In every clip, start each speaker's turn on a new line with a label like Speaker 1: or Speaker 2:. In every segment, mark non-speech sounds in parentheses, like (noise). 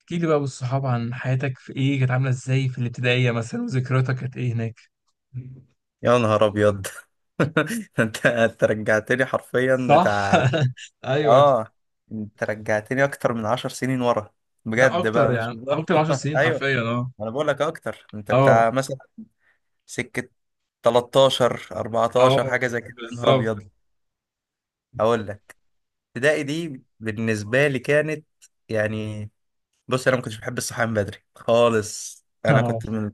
Speaker 1: احكي لي بقى بالصحاب عن حياتك في ايه كانت عامله ازاي في الابتدائيه مثلا وذكرياتك كانت ايه هناك؟
Speaker 2: يا نهار ابيض. (laughs) انت رجعتني حرفيا
Speaker 1: صح.
Speaker 2: بتاع.
Speaker 1: (laughs) ايوه.
Speaker 2: اه، انت رجعتني اكتر من 10 سنين ورا
Speaker 1: ده
Speaker 2: بجد
Speaker 1: اكتر،
Speaker 2: بقى، مش (laughs)
Speaker 1: يعني
Speaker 2: بهزر.
Speaker 1: اكتر 10 سنين
Speaker 2: ايوه،
Speaker 1: حرفيا. اه،
Speaker 2: انا بقول لك اكتر، انت
Speaker 1: اه،
Speaker 2: بتاع مثلا سكه 13 14
Speaker 1: اه،
Speaker 2: حاجه زي كده. يا نهار
Speaker 1: بالظبط.
Speaker 2: ابيض. هقول لك، ابتدائي دي بالنسبه لي كانت يعني، بص، انا ما كنتش بحب الصحيان من بدري خالص. انا
Speaker 1: اه.
Speaker 2: كنت من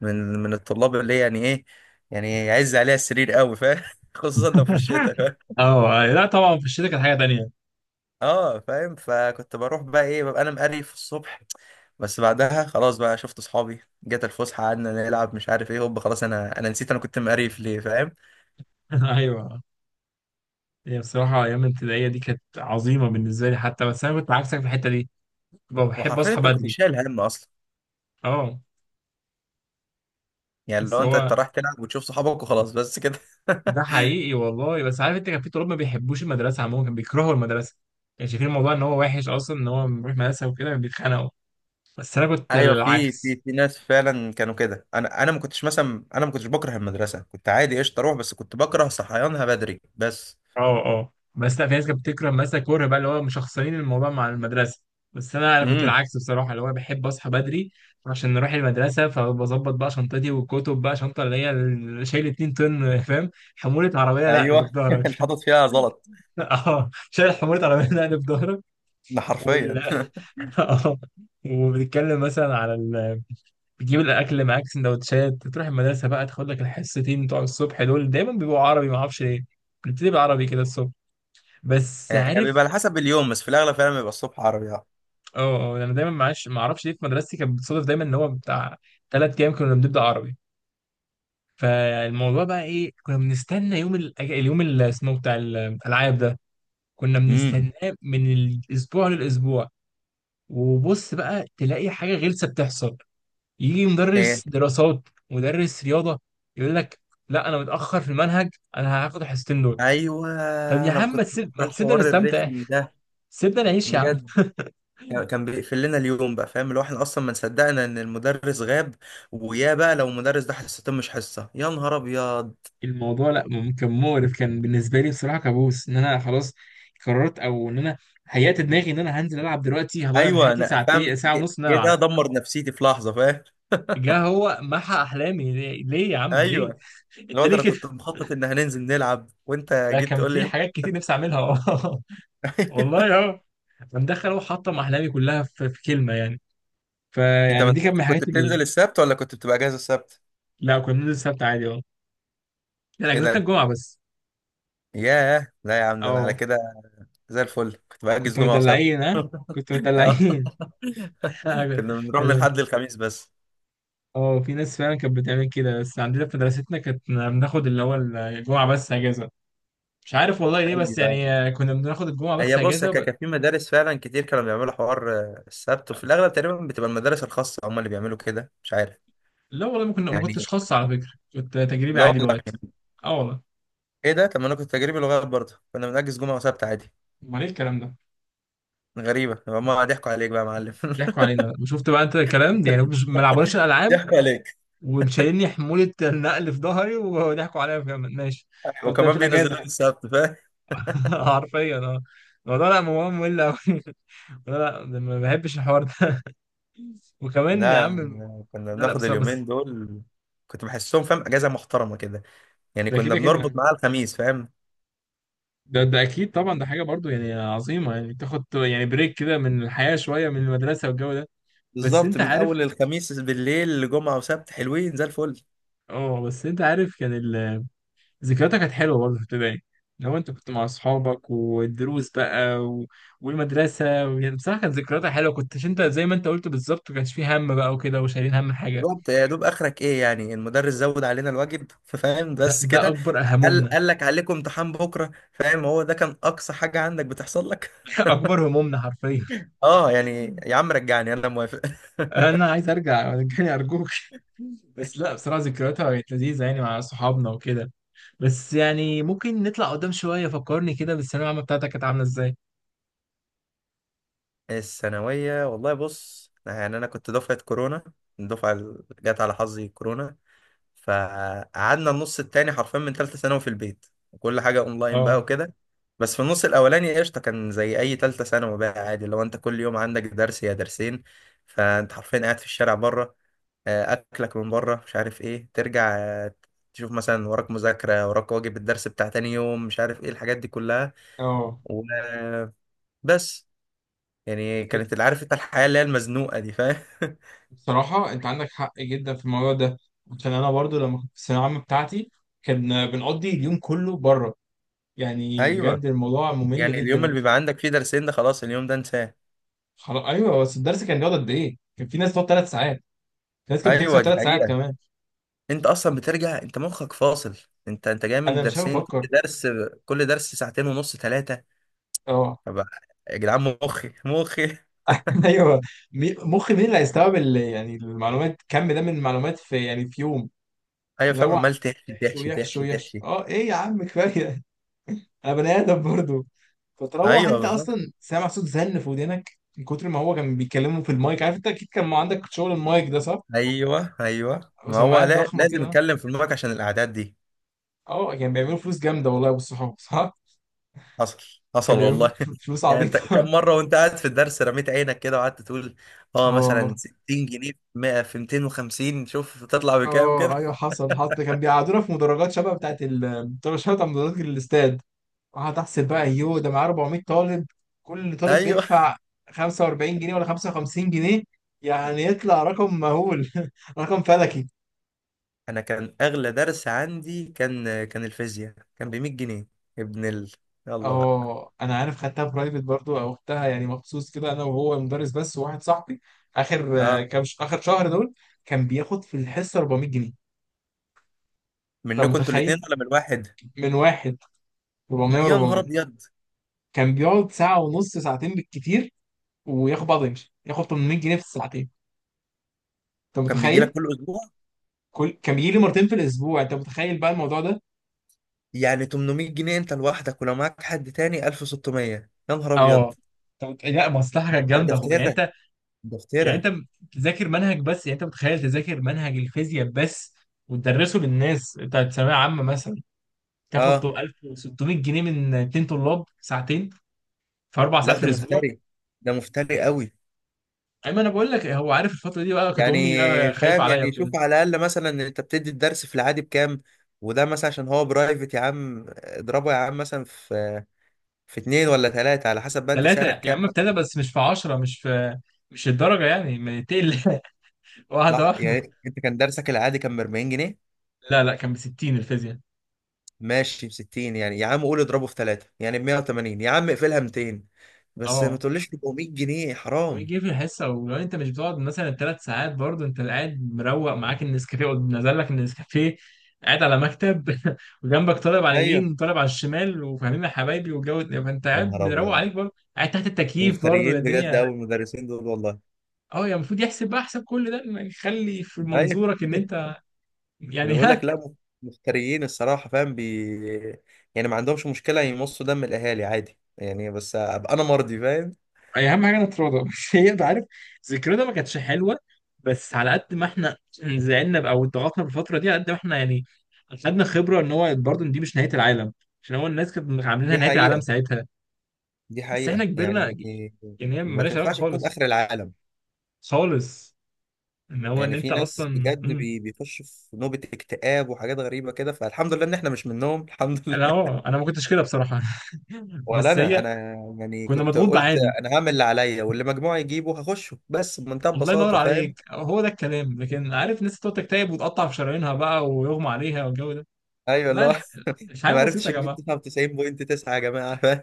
Speaker 2: من من الطلاب اللي يعني ايه، يعني يعز عليها السرير قوي، فاهم؟ (laughs) خصوصا لو في
Speaker 1: (laughs)
Speaker 2: الشتاء.
Speaker 1: اه، أيوة. لا طبعا في الشتاء كانت حاجه تانية.
Speaker 2: اه فاهم، فكنت بروح بقى ايه، ببقى انا مقريف الصبح. بس بعدها خلاص بقى، شفت اصحابي، جت الفسحه، قعدنا نلعب، مش عارف ايه، هوب، خلاص انا نسيت انا كنت مقريف ليه، فاهم؟
Speaker 1: (laughs) ايوه. هي بصراحه ايام الابتدائيه دي كانت عظيمه بالنسبه لي حتى، بس انا كنت عكسك في الحته دي. كنت بحب
Speaker 2: وحرفيا
Speaker 1: اصحى
Speaker 2: انت ما كنتش
Speaker 1: بدري.
Speaker 2: شايل هم اصلا،
Speaker 1: اه.
Speaker 2: يعني
Speaker 1: بس
Speaker 2: لو انت
Speaker 1: هو
Speaker 2: أنت رايح تلعب وتشوف صحابك وخلاص، بس كده.
Speaker 1: ده
Speaker 2: (laughs)
Speaker 1: حقيقي والله. بس عارف انت، كان في طلاب ما بيحبوش المدرسه عموما، كانوا بيكرهوا المدرسه. كانوا شايفين الموضوع ان هو وحش اصلا، ان هو بيروح مدرسه وكده بيتخانقوا. بس انا كنت
Speaker 2: ايوه، في
Speaker 1: العكس.
Speaker 2: في في ناس فعلا كانوا كده. انا انا ما كنتش مثلا، انا ما كنتش بكره المدرسه، كنت عادي قشطه اروح، بس كنت بكره صحيانها بدري بس.
Speaker 1: اه، اه، بس لا، في ناس كانت بتكره مثلا، كره بقى اللي هو مشخصنين الموضوع مع المدرسه. بس انا كنت
Speaker 2: امم،
Speaker 1: العكس بصراحه، اللي هو بحب اصحى بدري عشان نروح المدرسه. فبظبط بقى شنطتي والكتب بقى شنطه اللي هي شايل 2 طن فاهم. حموله عربيه، لا اللي في
Speaker 2: ايوه. (laughs)
Speaker 1: ظهرك.
Speaker 2: اللي
Speaker 1: (laughs)
Speaker 2: حاطط فيها غلط،
Speaker 1: اه، شايل حموله عربيه، لا اللي في ظهرك.
Speaker 2: ده
Speaker 1: وال
Speaker 2: حرفيا.
Speaker 1: (laughs)
Speaker 2: (laughs)
Speaker 1: آه. وبتتكلم مثلا على ال... بتجيب الاكل معاك سندوتشات، تروح المدرسه بقى، تاخد لك الحصتين بتوع الصبح دول، دايما بيبقوا عربي ما اعرفش ليه. بنبتدي بالعربي كده الصبح. بس
Speaker 2: يعني
Speaker 1: عارف،
Speaker 2: بيبقى على حسب اليوم، بس في الاغلب فعلا بيبقى الصبح عربي آه.
Speaker 1: اه، اه، انا دايما معاش ما اعرفش ليه، في مدرستي كانت بتصادف دايما ان هو بتاع 3 ايام كنا بنبدا عربي. فالموضوع بقى ايه، كنا بنستنى يوم اليوم اللي اسمه إيه بتاع الالعاب ده. كنا
Speaker 2: امم،
Speaker 1: بنستناه من الاسبوع للاسبوع. وبص بقى تلاقي حاجه غلسه بتحصل. يجي
Speaker 2: ايه،
Speaker 1: مدرس دراسات، مدرس رياضه، يقول لك لا، انا متاخر في المنهج، انا هاخد الحصتين دول.
Speaker 2: ايوه.
Speaker 1: طب يا
Speaker 2: انا
Speaker 1: عم،
Speaker 2: كنت
Speaker 1: ما
Speaker 2: بكره
Speaker 1: تسيبنا
Speaker 2: حوار
Speaker 1: نستمتع.
Speaker 2: الرخم ده
Speaker 1: (laughs) سيبنا نعيش يا عم.
Speaker 2: بجد. كان بيقفل لنا اليوم بقى، فاهم؟ اللي هو احنا اصلا ما صدقنا ان المدرس غاب، ويا بقى لو المدرس ده حصتين مش حصه، يا نهار ابيض.
Speaker 1: الموضوع لا، كان مقرف، كان بالنسبه لي بصراحه كابوس، ان انا خلاص قررت، او ان انا هيأت دماغي ان انا هنزل العب دلوقتي، هضيع من
Speaker 2: ايوه
Speaker 1: حياتي
Speaker 2: انا فاهم،
Speaker 1: ساعتين، ساعه
Speaker 2: جه
Speaker 1: ونص، ان انا
Speaker 2: جه
Speaker 1: العب.
Speaker 2: ده دمر نفسيتي في لحظه، فاهم؟
Speaker 1: جه هو محى احلامي، ليه، ليه يا عم، ليه؟
Speaker 2: ايوه.
Speaker 1: (laughs) انت
Speaker 2: الواد
Speaker 1: ليه
Speaker 2: انا
Speaker 1: كده؟
Speaker 2: كنت مخطط ان هننزل نلعب، وانت
Speaker 1: ده
Speaker 2: جيت
Speaker 1: كان
Speaker 2: تقول لي
Speaker 1: في
Speaker 2: لا.
Speaker 1: حاجات كتير نفسي اعملها. (laughs)
Speaker 2: (laughs)
Speaker 1: والله اه. كان دخل هو حطم احلامي كلها في كلمه يعني.
Speaker 2: انت ما
Speaker 1: فيعني دي كانت
Speaker 2: كنت
Speaker 1: من
Speaker 2: كنت
Speaker 1: الحاجات اللي...
Speaker 2: بتنزل السبت، ولا كنت بتبقى اجازه السبت؟
Speaker 1: لا، كنا بننزل السبت عادي، اه. لا،
Speaker 2: ايه
Speaker 1: اجازتنا
Speaker 2: ده.
Speaker 1: الجمعه بس.
Speaker 2: ياه، لا يا عم، ده انا على
Speaker 1: اه،
Speaker 2: كده زي الفل كنت بأجز
Speaker 1: كنت
Speaker 2: جمعه وسبت.
Speaker 1: مدلعين ها. كنت
Speaker 2: (laughs) اه،
Speaker 1: مدلعين.
Speaker 2: كنا
Speaker 1: (laughs)
Speaker 2: بنروح من الحد
Speaker 1: كان،
Speaker 2: للخميس بس.
Speaker 1: اه، في ناس فعلا كانت بتعمل كده، بس عندنا في مدرستنا كانت بناخد اللي هو الجمعه بس اجازه. مش عارف والله ليه، بس يعني
Speaker 2: ايوه.
Speaker 1: كنا بناخد الجمعه بس
Speaker 2: هي بص،
Speaker 1: اجازه ب...
Speaker 2: كان في مدارس فعلا كتير كانوا بيعملوا حوار السبت، وفي الاغلب تقريبا بتبقى المدارس الخاصه هم اللي بيعملوا كده، مش عارف
Speaker 1: لا والله، ما
Speaker 2: يعني.
Speaker 1: كنتش خاص على فكره، كنت تجريبي
Speaker 2: لا
Speaker 1: عادي
Speaker 2: والله؟
Speaker 1: دلوقتي. اه والله.
Speaker 2: ايه ده، طب ما انا كنت تجريبي لغايه برضه، كنا بنأجز جمعه وسبت عادي.
Speaker 1: امال ايه الكلام ده؟
Speaker 2: غريبه، هم ضحكوا عليك بقى يا معلم.
Speaker 1: بيضحكوا
Speaker 2: (laughs)
Speaker 1: علينا، وشفت بقى انت الكلام ده، يعني مش ما لعبوناش الالعاب
Speaker 2: ضحكوا عليك،
Speaker 1: ومشايلني حمولة النقل في ظهري وضحكوا عليا كمان، ماشي. طب ده في
Speaker 2: وكمان
Speaker 1: الأجازة
Speaker 2: بينزلوا لي
Speaker 1: حتى.
Speaker 2: السبت، فاهم؟
Speaker 1: (laughs) حرفيا اه. الموضوع لا مهم، ممل أوي. (laughs) لا، لا، ده ما بحبش الحوار ده. (laughs) وكمان يا
Speaker 2: لا
Speaker 1: عم،
Speaker 2: لا، كنا
Speaker 1: لا، لا،
Speaker 2: بناخد
Speaker 1: بس بس
Speaker 2: اليومين دول. كنت بحسهم فاهم اجازه محترمه كده، يعني
Speaker 1: ده
Speaker 2: كنا
Speaker 1: كده كده
Speaker 2: بنربط
Speaker 1: يعني.
Speaker 2: معاها الخميس، فاهم؟
Speaker 1: ده أكيد طبعا، ده حاجة برضو يعني عظيمة، يعني تاخد يعني بريك كده من الحياة شوية، من المدرسة والجو ده. بس
Speaker 2: بالظبط،
Speaker 1: أنت
Speaker 2: من
Speaker 1: عارف،
Speaker 2: اول الخميس بالليل لجمعه وسبت حلوين زي الفل.
Speaker 1: اه، بس أنت عارف كان يعني ذكرياتها كانت حلوه برضه في ابتدائي. لو انت كنت مع اصحابك والدروس بقى و... والمدرسه، يعني بصراحه كانت ذكرياتها حلوه، كنتش انت زي ما انت قلت بالظبط ما كانش فيه هم بقى وكده وشايلين هم حاجه.
Speaker 2: بالظبط، يا دوب اخرك ايه؟ يعني المدرس زود علينا الواجب، فاهم،
Speaker 1: ده
Speaker 2: بس
Speaker 1: ده
Speaker 2: كده.
Speaker 1: اكبر
Speaker 2: قال
Speaker 1: همومنا.
Speaker 2: قال لك عليكم امتحان بكره، فاهم؟ هو ده كان اقصى حاجه عندك بتحصل لك.
Speaker 1: (laughs) اكبر همومنا حرفيا.
Speaker 2: (laughs) اه يعني
Speaker 1: (laughs)
Speaker 2: يا عم رجعني، انا موافق.
Speaker 1: انا عايز ارجع، رجعني ارجوك. (laughs) بس لا، بصراحه ذكرياتها كانت لذيذه يعني مع صحابنا وكده. بس يعني ممكن نطلع قدام شويه، فكرني كده بالثانويه العامه بتاعتك كانت عامله ازاي؟
Speaker 2: (laughs) الثانويه والله، بص يعني انا كنت دفعه كورونا، الدفعه اللي جت على حظي كورونا. فقعدنا النص التاني حرفيا من تالتة ثانوي في البيت، وكل حاجة اونلاين بقى
Speaker 1: اه،
Speaker 2: وكده. بس في النص الاولاني قشطة، كان زي اي تالتة ثانوي بقى عادي، لو انت كل يوم عندك درس يا درسين، فانت حرفيا قاعد في الشارع بره، اكلك من بره، مش عارف ايه، ترجع، تشوف مثلا وراك مذاكرة، وراك واجب الدرس بتاع تاني يوم، مش عارف ايه الحاجات دي كلها.
Speaker 1: اه.
Speaker 2: وبس، يعني كانت اللي عارف انت، الحياة اللي هي المزنوقة دي، فاهم؟ (laughs)
Speaker 1: بصراحة أنت عندك حق جدا في الموضوع ده، عشان أنا برضو لما كنت في الثانوية العامة بتاعتي كان بنقضي اليوم كله بره. يعني بجد
Speaker 2: ايوه،
Speaker 1: الموضوع ممل
Speaker 2: يعني اليوم
Speaker 1: جدا.
Speaker 2: اللي بيبقى عندك فيه درسين ده، خلاص اليوم ده انساه.
Speaker 1: خلاص أيوه، بس الدرس كان بيقعد قد إيه؟ كان في ناس بتقعد 3 ساعات، في ناس كانت بتكسر
Speaker 2: ايوه دي
Speaker 1: 3 ساعات
Speaker 2: حقيقة.
Speaker 1: كمان.
Speaker 2: انت اصلا بترجع انت مخك فاصل، انت جاي من
Speaker 1: أنا مش عارف
Speaker 2: درسين، كل
Speaker 1: أفكر.
Speaker 2: درس، كل درس ساعتين ونص، ثلاثه.
Speaker 1: أه.
Speaker 2: طب يا جدعان، مخي مخي.
Speaker 1: (laughs) أيوه. مخي، مين اللي هيستوعب يعني المعلومات، كم ده من المعلومات في يوم.
Speaker 2: ايوه
Speaker 1: اللي
Speaker 2: فاهم،
Speaker 1: هو عمال
Speaker 2: عمال تحشي
Speaker 1: يحشو
Speaker 2: تحشي
Speaker 1: يحشو
Speaker 2: تحشي
Speaker 1: يحشو.
Speaker 2: تحشي.
Speaker 1: أه إيه يا عم، كفاية، انا بني ادم برضه. فتروح
Speaker 2: ايوه
Speaker 1: انت
Speaker 2: بالظبط.
Speaker 1: اصلا سامع صوت زن في ودنك من كتر ما هو كان بيتكلموا في المايك، عارف انت اكيد كان ما عندك شغل المايك ده صح؟
Speaker 2: ايوه ايوه، ما هو
Speaker 1: وسماعات
Speaker 2: لا،
Speaker 1: ضخمه
Speaker 2: لازم
Speaker 1: كده.
Speaker 2: اتكلم في المارك عشان الاعداد دي.
Speaker 1: اه، كان بيعملوا فلوس جامده والله يا ابو الصحاب، صح؟
Speaker 2: حصل،
Speaker 1: كان
Speaker 2: حصل
Speaker 1: بيعملوا
Speaker 2: والله.
Speaker 1: فلوس
Speaker 2: (laughs) يعني انت
Speaker 1: عبيطه.
Speaker 2: كم
Speaker 1: (laughs)
Speaker 2: مره وانت قاعد في الدرس رميت عينك كده، وقعدت تقول اه، مثلا
Speaker 1: اه،
Speaker 2: 60 جنيه في 100 في 250، شوف تطلع بكام كده.
Speaker 1: اه، ايوه، حصل، حصل، ده كان بيقعدونا في مدرجات شبه بتاعت، ال طب شبه بتاع مدرجات الاستاد. قعدت احسب بقى، يوه ده معاه 400 طالب، كل
Speaker 2: (laughs)
Speaker 1: طالب
Speaker 2: ايوه.
Speaker 1: بيدفع 45 جنيه ولا 55 جنيه، يعني يطلع رقم مهول. (laughs) رقم فلكي.
Speaker 2: انا كان اغلى درس عندي، كان الفيزياء، كان ب 100 جنيه. ابن يلا بقى.
Speaker 1: اه، انا عارف خدتها برايفت برضو او اختها، يعني مخصوص كده انا وهو مدرس بس وواحد صاحبي. اخر آه،
Speaker 2: اه،
Speaker 1: كام ش... اخر شهر دول كان بياخد في الحصه 400 جنيه. انت
Speaker 2: منكم انتوا
Speaker 1: متخيل،
Speaker 2: الاثنين ولا من واحد؟
Speaker 1: من واحد، 400.
Speaker 2: يا نهار
Speaker 1: و400.
Speaker 2: ابيض.
Speaker 1: كان بيقعد ساعه ونص، ساعتين بالكتير، وياخد بعضه يمشي، ياخد 800 جنيه في الساعتين. انت
Speaker 2: كان بيجي
Speaker 1: متخيل.
Speaker 2: لك كل اسبوع؟
Speaker 1: كان بيجي لي مرتين في الاسبوع، انت متخيل بقى الموضوع ده؟
Speaker 2: يعني 800 جنيه انت لوحدك، ولو معاك حد تاني 1600. يا نهار ابيض.
Speaker 1: اه. طب لا، مصلحة كانت
Speaker 2: لا ده
Speaker 1: جامدة، يعني
Speaker 2: افتراء،
Speaker 1: انت،
Speaker 2: ده
Speaker 1: يعني
Speaker 2: افتراء.
Speaker 1: انت بتذاكر منهج بس، يعني انت متخيل تذاكر منهج الفيزياء بس وتدرسه للناس بتاعت ثانويه عامه مثلا، تاخد
Speaker 2: اه،
Speaker 1: 1600 جنيه من 2 طلاب ساعتين، في اربع
Speaker 2: لا
Speaker 1: ساعات في
Speaker 2: ده
Speaker 1: الاسبوع.
Speaker 2: مفتري، ده مفتري قوي.
Speaker 1: اما انا بقول لك، هو عارف الفتره دي بقى كانت
Speaker 2: يعني
Speaker 1: امي بقى خايفه
Speaker 2: فاهم،
Speaker 1: عليا
Speaker 2: يعني
Speaker 1: وكده.
Speaker 2: شوف على الاقل، مثلا انت بتدي الدرس في العادي بكام، وده مثلا عشان هو برايفت، يا عم اضربه يا عم مثلا في اتنين ولا تلاتة، على حسب بقى انت
Speaker 1: ثلاثه
Speaker 2: سعرك
Speaker 1: يا
Speaker 2: كام.
Speaker 1: عم ابتدى، بس مش في 10، مش الدرجه يعني، ما تقل. (laughs) واحده
Speaker 2: لا
Speaker 1: واحده.
Speaker 2: يعني انت كان درسك العادي كان ب 40 جنيه،
Speaker 1: لا، لا، كان ب 60 الفيزياء.
Speaker 2: ماشي ب 60، يعني يا عم قول اضربه في تلاتة، يعني ب 180، يا عم اقفلها 200، بس ما
Speaker 1: اه،
Speaker 2: تقوليش 400 جنيه، حرام.
Speaker 1: ويجي في الحصه، ولو انت مش بتقعد مثلا ثلاث ساعات برضه، انت قاعد مروق، معاك النسكافيه، نزل لك النسكافيه، قاعد على مكتب. (laughs) وجنبك طالب على
Speaker 2: ايوه.
Speaker 1: اليمين، طالب على الشمال، وفاهمين يا حبايبي والجو ده، فانت
Speaker 2: يا
Speaker 1: قاعد
Speaker 2: نهار
Speaker 1: مروق
Speaker 2: ابيض،
Speaker 1: عليك برضه، قاعد تحت التكييف برضه يا
Speaker 2: مفتريين بجد
Speaker 1: الدنيا.
Speaker 2: قوي المدرسين دول والله.
Speaker 1: اه، يا المفروض يحسب بقى حساب كل ده، ما يخلي في
Speaker 2: ايوه.
Speaker 1: منظورك ان
Speaker 2: (laughs)
Speaker 1: انت
Speaker 2: انا
Speaker 1: يعني.
Speaker 2: بقول لك
Speaker 1: (laughs)
Speaker 2: لا، مفتريين الصراحه، فاهم يعني، ما عندهمش مشكله يمصوا دم الاهالي عادي يعني، بس ابقى انا مرضي، فاهم؟
Speaker 1: أي، اهم حاجه نتراضى. (laughs) بس هي، انت عارف، ذكرنا ما كانتش حلوه، بس على قد ما احنا زعلنا، او اتضغطنا بالفتره دي، على قد ما احنا يعني خدنا خبره ان هو برضه إن دي مش نهايه العالم، عشان هو الناس كانت عاملينها
Speaker 2: دي
Speaker 1: نهايه العالم
Speaker 2: حقيقه،
Speaker 1: ساعتها.
Speaker 2: دي
Speaker 1: بس احنا
Speaker 2: حقيقه يعني،
Speaker 1: كبرنا، يعني هي
Speaker 2: ما
Speaker 1: مالهاش علاقه
Speaker 2: تنفعش تكون
Speaker 1: خالص.
Speaker 2: اخر العالم.
Speaker 1: خالص ان هو ان
Speaker 2: يعني
Speaker 1: انت
Speaker 2: في ناس
Speaker 1: اصلا.
Speaker 2: بجد، بيخش في نوبة اكتئاب وحاجات غريبة كده، فالحمد لله ان احنا مش منهم. (laughs) الحمد
Speaker 1: انا
Speaker 2: لله.
Speaker 1: اه انا ما كنتش كده بصراحه. (laughs)
Speaker 2: ولا
Speaker 1: بس
Speaker 2: انا
Speaker 1: هي
Speaker 2: انا يعني
Speaker 1: كنا
Speaker 2: كنت
Speaker 1: مضغوط
Speaker 2: قلت
Speaker 1: عادي.
Speaker 2: انا هعمل اللي عليا، واللي مجموعي يجيبه هخشه، بس بمنتهى
Speaker 1: الله ينور
Speaker 2: البساطة، فاهم؟
Speaker 1: عليك، هو ده الكلام. لكن عارف الناس تقعد تكتئب وتقطع في شرايينها بقى ويغمى عليها والجو ده،
Speaker 2: ايوه اللي
Speaker 1: بقى
Speaker 2: هو.
Speaker 1: مش
Speaker 2: (laughs)
Speaker 1: حاجه
Speaker 2: ما
Speaker 1: بسيطه
Speaker 2: عرفتش
Speaker 1: يا
Speaker 2: اجيب
Speaker 1: جماعه.
Speaker 2: 99.9، يا جماعة، فاهم؟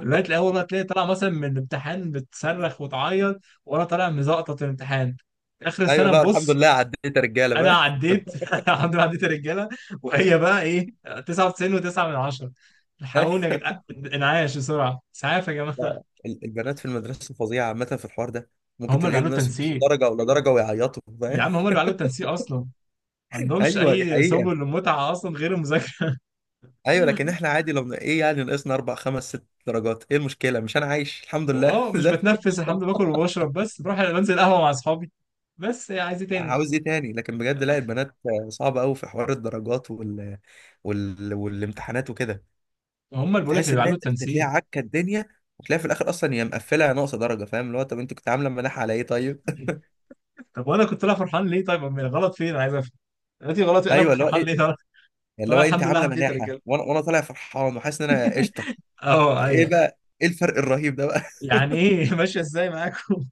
Speaker 1: لغايه الاول بقى تلاقي طالع مثلا من الامتحان بتصرخ وتعيط، وانا طالع مزقطط الامتحان، اخر
Speaker 2: ايوه
Speaker 1: السنه
Speaker 2: لا، الحمد
Speaker 1: نبص،
Speaker 2: لله عديت يا رجالة،
Speaker 1: انا
Speaker 2: فاهم؟
Speaker 1: عديت. (laughs) الحمد لله، عديت الرجاله. وهي بقى ايه، 99 و9 من 10؟ الحقوني يا
Speaker 2: (laughs)
Speaker 1: جدعان، انعاش بسرعه، اسعاف يا جماعه.
Speaker 2: لا، البنات في المدرسة فظيعة عامة في الحوار ده.
Speaker 1: هم
Speaker 2: ممكن
Speaker 1: اللي بيعملوا
Speaker 2: تلاقيهم ناقص نص
Speaker 1: التنسيق،
Speaker 2: درجة ولا درجة ويعيطوا،
Speaker 1: يا
Speaker 2: فاهم؟
Speaker 1: عم هم اللي بيعملوا التنسيق، اصلا ما
Speaker 2: (laughs)
Speaker 1: عندهمش
Speaker 2: ايوه دي
Speaker 1: اي سبل
Speaker 2: حقيقة.
Speaker 1: للمتعه اصلا غير المذاكره.
Speaker 2: ايوه لكن احنا عادي، لو ايه، يعني ناقصنا اربع خمس ست درجات، ايه المشكله؟ مش انا عايش الحمد لله؟
Speaker 1: واه،
Speaker 2: (laughs)
Speaker 1: مش
Speaker 2: زي،
Speaker 1: بتنفس، الحمد لله باكل وبشرب، بس بروح بنزل قهوه مع اصحابي، بس إيه، عايز ايه تاني؟
Speaker 2: عاوز ايه تاني؟ لكن بجد لا، البنات صعبه قوي في حوار الدرجات وال... وال... والامتحانات وكده.
Speaker 1: هم اللي بيقول لك
Speaker 2: بتحس
Speaker 1: اللي
Speaker 2: ان
Speaker 1: بيعملوا
Speaker 2: انت تلاقي
Speaker 1: التنسيق.
Speaker 2: عكه الدنيا، وتلاقي في الاخر اصلا هي مقفله ناقصه درجه، فاهم؟ اللي هو، طب انت كنت عامله مناحه على ايه طيب؟
Speaker 1: طب وانا كنت طالع فرحان ليه طيب؟ امال غلط فين، انا عايز افهم دلوقتي، غلط
Speaker 2: (laughs)
Speaker 1: انا
Speaker 2: ايوه
Speaker 1: كنت
Speaker 2: اللي هو
Speaker 1: فرحان
Speaker 2: ايه،
Speaker 1: ليه طالع؟
Speaker 2: اللي
Speaker 1: طالع
Speaker 2: هو انت
Speaker 1: الحمد لله
Speaker 2: عامله
Speaker 1: عديت يا
Speaker 2: مناحه،
Speaker 1: رجاله.
Speaker 2: وانا طالع فرحان وحاسس ان انا قشطه.
Speaker 1: اه،
Speaker 2: ايه
Speaker 1: ايوه.
Speaker 2: بقى، ايه الفرق الرهيب ده بقى؟
Speaker 1: يعني ايه؟ (laughs) ماشيه ازاي معاكم؟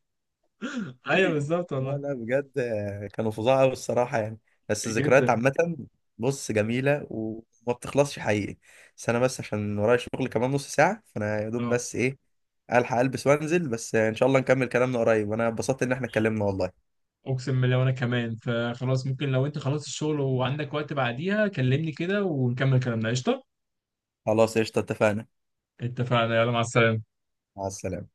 Speaker 1: (laughs) ايوه بالظبط
Speaker 2: لا
Speaker 1: والله.
Speaker 2: لا بجد، كانوا فظاع قوي الصراحه، يعني بس الذكريات
Speaker 1: جدا.
Speaker 2: عامه، بص جميله وما بتخلصش حقيقي. بس انا، بس عشان ورايا شغل كمان نص ساعه، فانا يا دوب
Speaker 1: اه،
Speaker 2: بس ايه، الحق البس وانزل، بس ان شاء الله نكمل كلامنا قريب، وانا اتبسطت ان احنا اتكلمنا والله.
Speaker 1: اقسم بالله وانا كمان. فخلاص، ممكن لو انت خلصت الشغل وعندك وقت بعديها كلمني كده ونكمل كلامنا، قشطه.
Speaker 2: خلاص قشطه، اتفقنا.
Speaker 1: اتفقنا، يلا مع السلامه.
Speaker 2: مع السلامه.